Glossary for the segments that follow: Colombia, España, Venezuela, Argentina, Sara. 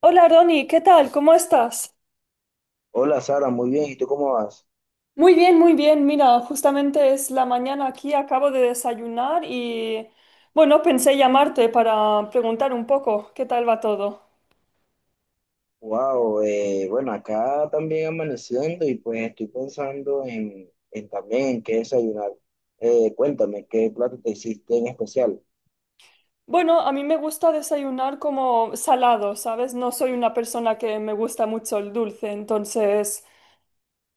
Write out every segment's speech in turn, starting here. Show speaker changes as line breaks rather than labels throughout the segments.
Hola Ronnie, ¿qué tal? ¿Cómo estás?
Hola Sara, muy bien. ¿Y tú cómo vas?
Muy bien, muy bien. Mira, justamente es la mañana aquí, acabo de desayunar y bueno, pensé llamarte para preguntar un poco qué tal va todo.
Wow, bueno, acá también amaneciendo y pues estoy pensando en también en qué desayunar. Cuéntame, ¿qué plato te hiciste en especial?
Bueno, a mí me gusta desayunar como salado, ¿sabes? No soy una persona que me gusta mucho el dulce, entonces,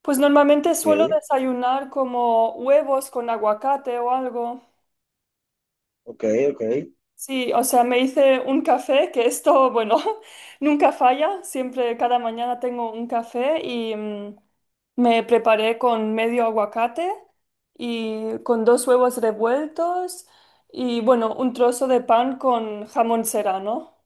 pues normalmente suelo
Ok,
desayunar como huevos con aguacate o algo.
ok, ok.
Sí, o sea, me hice un café, que esto, bueno, nunca falla, siempre cada mañana tengo un café y me preparé con medio aguacate y con dos huevos revueltos y bueno, un trozo de pan con jamón serrano.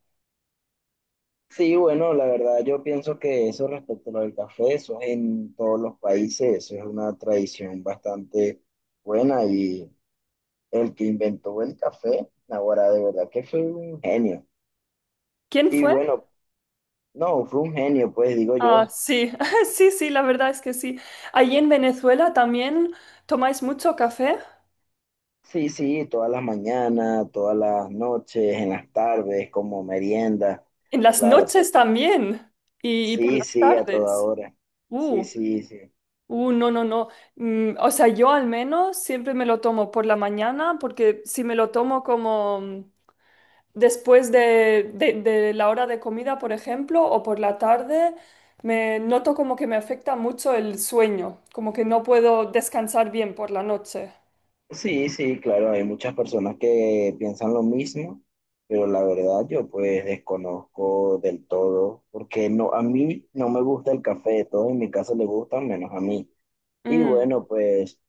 Sí, bueno, la verdad yo pienso que eso respecto a lo del café, eso es en todos los países, eso es una tradición bastante buena, y el que inventó el café, ahora de verdad que fue un genio.
¿Quién
Y
fue?
bueno, no, fue un genio, pues digo
Ah,
yo.
sí, sí, sí, la verdad es que sí. Allí en Venezuela también tomáis mucho café,
Sí, sí, todas las mañanas, todas las noches, en las tardes, como merienda,
en las
claro.
noches también y por
Sí,
las
sí, a toda
tardes.
hora. Sí,
Uh.
sí, sí.
No, no, no. Mm, o sea, yo al menos siempre me lo tomo por la mañana porque si me lo tomo como después de la hora de comida, por ejemplo, o por la tarde, me noto como que me afecta mucho el sueño, como que no puedo descansar bien por la noche.
Sí, sí, claro, hay muchas personas que piensan lo mismo, pero la verdad yo pues desconozco del todo, porque no, a mí no me gusta el café, todos en mi casa le gustan menos a mí. Y
Mm.
bueno, pues...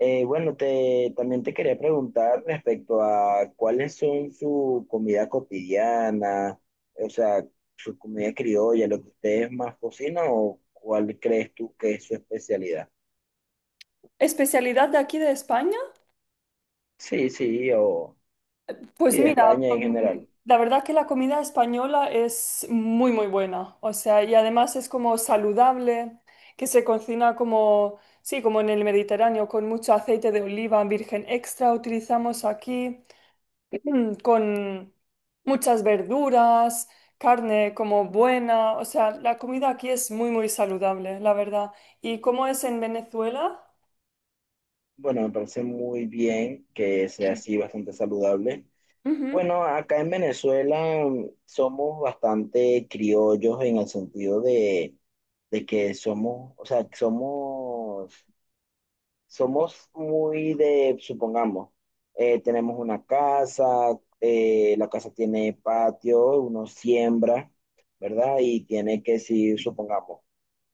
Bueno, también te quería preguntar respecto a cuáles son su comida cotidiana, o sea, su comida criolla, lo que ustedes más cocinan, o cuál crees tú que es su especialidad.
¿Especialidad de aquí de España?
Sí, sí, o sí,
Pues
de
mira,
España en general.
la verdad que la comida española es muy, muy buena. O sea, y además es como saludable, que se cocina como, sí, como en el Mediterráneo, con mucho aceite de oliva virgen extra utilizamos aquí, con muchas verduras, carne como buena. O sea, la comida aquí es muy, muy saludable, la verdad. ¿Y cómo es en Venezuela?
Bueno, me parece muy bien que sea así, bastante saludable.
Ujú.
Bueno, acá en Venezuela, somos bastante criollos en el sentido de que somos, o sea, somos muy de, supongamos, tenemos una casa, la casa tiene patio, uno siembra, ¿verdad? Y tiene que, si supongamos,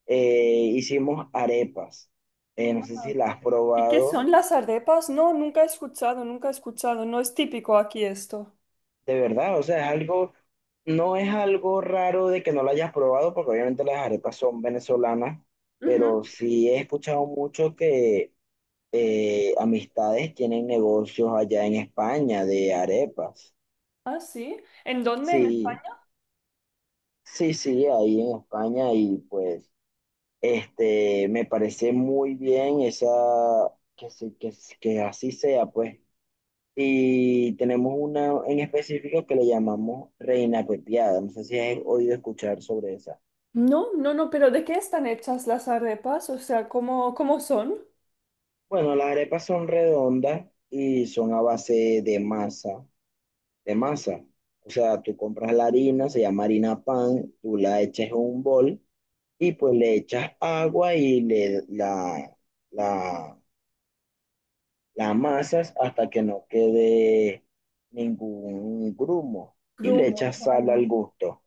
hicimos arepas. No sé si las has
¿Y qué
probado,
son las arepas? No, nunca he escuchado, nunca he escuchado. No es típico aquí esto.
de verdad, o sea, es algo, no es algo raro de que no lo hayas probado, porque obviamente las arepas son venezolanas,
Ujú.
pero sí he escuchado mucho que amistades tienen negocios allá en España de arepas.
Ah, sí. ¿En dónde?
Sí, sí, sí, ahí en España, y pues este me parece muy bien esa que así sea, pues. Y tenemos una en específico que le llamamos reina pepiada. No sé si has oído escuchar sobre esa.
No, no, no, pero ¿de qué están hechas las arepas? O sea, ¿cómo, cómo son?
Bueno, las arepas son redondas y son a base de masa, de masa. O sea, tú compras la harina, se llama harina pan, tú la echas en un bol, y pues le echas agua y le la, la amasas hasta que no quede ningún grumo, y le
Grumo,
echas sal
vale.
al gusto.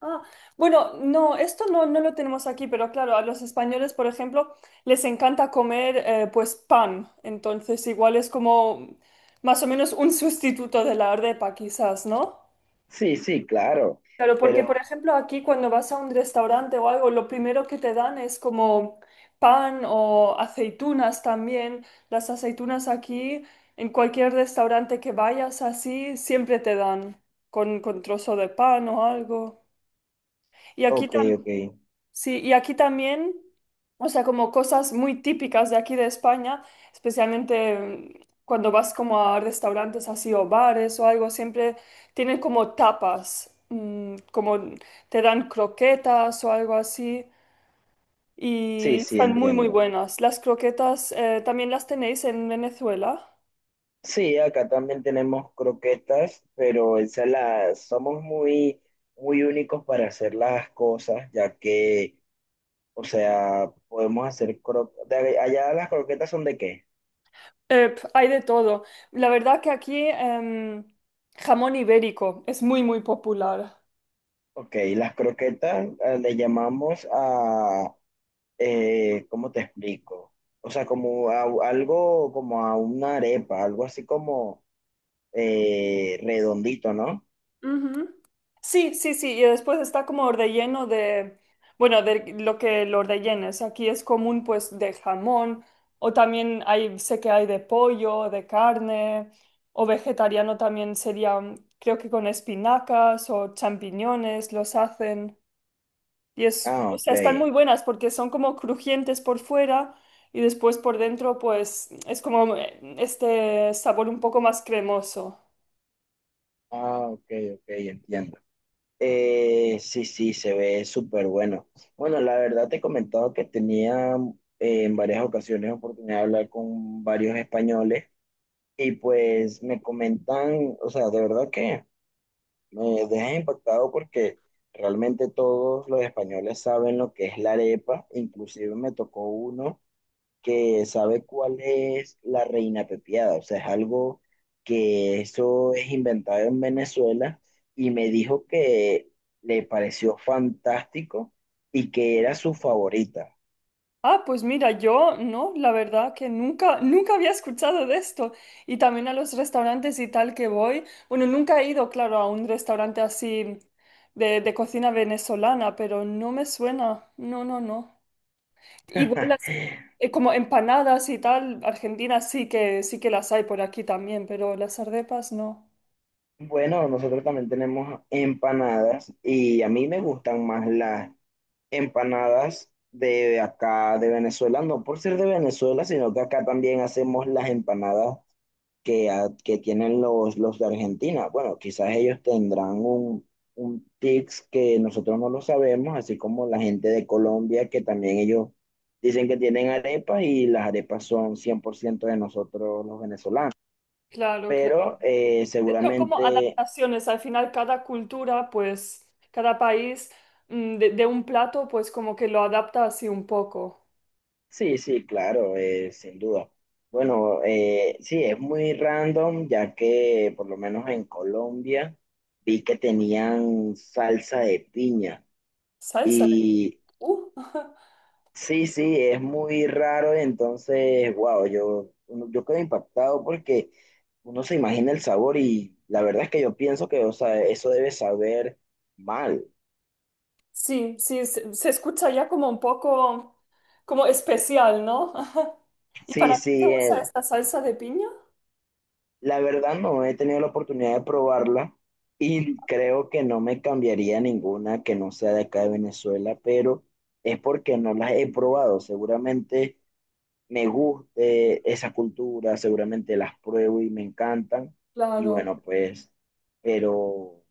Ah, bueno, no, esto no, no lo tenemos aquí, pero claro, a los españoles, por ejemplo, les encanta comer pues pan. Entonces, igual es como más o menos un sustituto de la arepa, quizás, ¿no?
Sí, sí, claro,
Claro, porque por
pero
ejemplo aquí cuando vas a un restaurante o algo, lo primero que te dan es como pan o aceitunas también. Las aceitunas aquí, en cualquier restaurante que vayas así, siempre te dan con trozo de pan o algo. Y aquí
ok, ok,
sí, y aquí también, o sea, como cosas muy típicas de aquí de España, especialmente cuando vas como a restaurantes así o bares o algo, siempre tienen como tapas, como te dan croquetas o algo así,
sí,
y
sí,
están muy, muy
entiendo.
buenas. Las croquetas también las tenéis en Venezuela.
Sí, acá también tenemos croquetas, pero esa somos muy, muy únicos para hacer las cosas, ya que, o sea, podemos hacer croquetas. ¿Allá las croquetas son de qué?
Pf, hay de todo. La verdad que aquí jamón ibérico es muy, muy popular.
Ok, las croquetas le llamamos a, ¿cómo te explico? O sea, como a, algo, como a una arepa, algo así como redondito, ¿no?
Ujú. Sí, sí, sí, y después está como relleno de, bueno, de lo que lo rellenes. Aquí es común pues de jamón o también hay, sé que hay de pollo, de carne o vegetariano también sería, creo que con espinacas o champiñones los hacen. Y es,
Ah,
o
ok.
sea, están muy buenas porque son como crujientes por fuera y después por dentro pues es como este sabor un poco más cremoso.
Ah, ok, ok, entiendo. Sí, sí, se ve súper bueno. Bueno, la verdad te he comentado que tenía en varias ocasiones oportunidad de hablar con varios españoles, y pues me comentan, o sea, de verdad que... Me deja impactado porque realmente todos los españoles saben lo que es la arepa, inclusive me tocó uno que sabe cuál es la reina pepiada, o sea, es algo que eso es inventado en Venezuela, y me dijo que le pareció fantástico y que era su favorita.
Ah, pues mira, yo no, la verdad que nunca, nunca había escuchado de esto. Y también a los restaurantes y tal que voy. Bueno, nunca he ido, claro, a un restaurante así de cocina venezolana, pero no me suena. No, no, no. Igual las, como empanadas y tal, Argentina sí que las hay por aquí también, pero las arepas no.
Bueno, nosotros también tenemos empanadas, y a mí me gustan más las empanadas de acá de Venezuela, no por ser de Venezuela, sino que acá también hacemos las empanadas que, que tienen los de Argentina. Bueno, quizás ellos tendrán un tics que nosotros no lo sabemos, así como la gente de Colombia, que también ellos dicen que tienen arepas, y las arepas son 100% de nosotros los venezolanos.
Claro, claro.
Pero
Son como
seguramente.
adaptaciones, al final cada cultura, pues cada país de un plato, pues como que lo adapta así un poco.
Sí, sí, claro, sin duda. Bueno, sí, es muy random, ya que por lo menos en Colombia vi que tenían salsa de piña.
Salsa.
Y
Uh.
sí, sí, es muy raro, entonces, wow, yo quedo impactado porque uno se imagina el sabor, y la verdad es que yo pienso que, o sea, eso debe saber mal.
Sí, sí, se escucha ya como un poco como especial, ¿no? ¿Y
Sí,
para qué te
sí,
usa esta salsa de piña?
la verdad no he tenido la oportunidad de probarla, y creo que no me cambiaría ninguna que no sea de acá de Venezuela, pero es porque no las he probado. Seguramente me guste esa cultura, seguramente las pruebo y me encantan. Y
Claro.
bueno, pues, pero...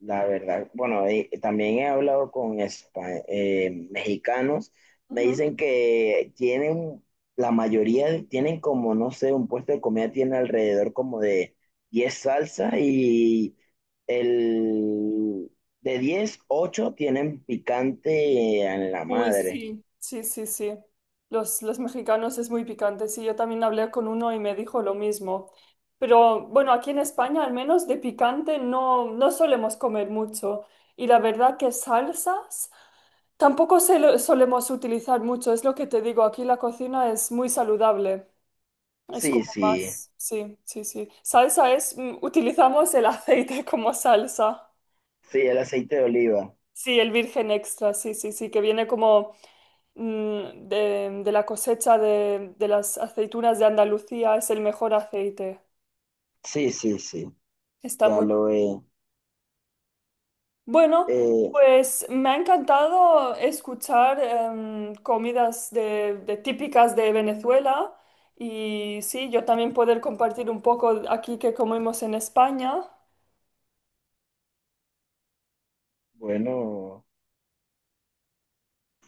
La verdad, bueno, también he hablado con mexicanos, me dicen que tienen, tienen como, no sé, un puesto de comida tiene alrededor como de 10 salsas, y el de 10, 8 tienen picante en la
Uy,
madre.
sí, sí, sí, sí. Los mexicanos es muy picante. Sí, yo también hablé con uno y me dijo lo mismo. Pero bueno, aquí en España al menos de picante no, no solemos comer mucho. Y la verdad que salsas tampoco solemos utilizar mucho. Es lo que te digo, aquí la cocina es muy saludable. Es
Sí,
como
sí,
más, sí, sí, sí. Salsa es, utilizamos el aceite como salsa.
sí, el aceite de oliva.
Sí, el virgen extra, sí, sí, sí, que viene como... de la cosecha de las aceitunas de Andalucía es el mejor aceite.
Sí, sí, sí,
Está
ya
muy
lo he.
bueno.
Eh,
Pues me ha encantado escuchar comidas de típicas de Venezuela y sí, yo también poder compartir un poco aquí que comemos en España.
bueno,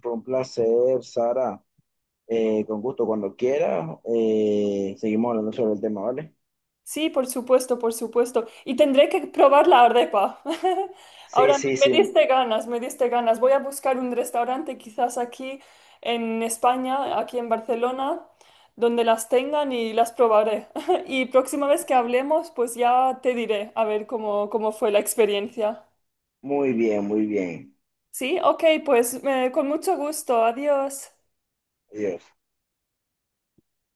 fue un placer, Sara. Con gusto, cuando quiera, seguimos hablando sobre el tema, ¿vale?
Sí, por supuesto, por supuesto. Y tendré que probar la arepa.
Sí,
Ahora me,
sí,
me
sí,
diste ganas, me diste ganas. Voy a buscar un restaurante quizás aquí en España, aquí en Barcelona, donde las tengan y las probaré. Y próxima vez que hablemos, pues ya te diré a ver cómo, cómo fue la experiencia.
muy bien, muy bien.
Sí, ok, pues con mucho gusto. Adiós.
Adiós.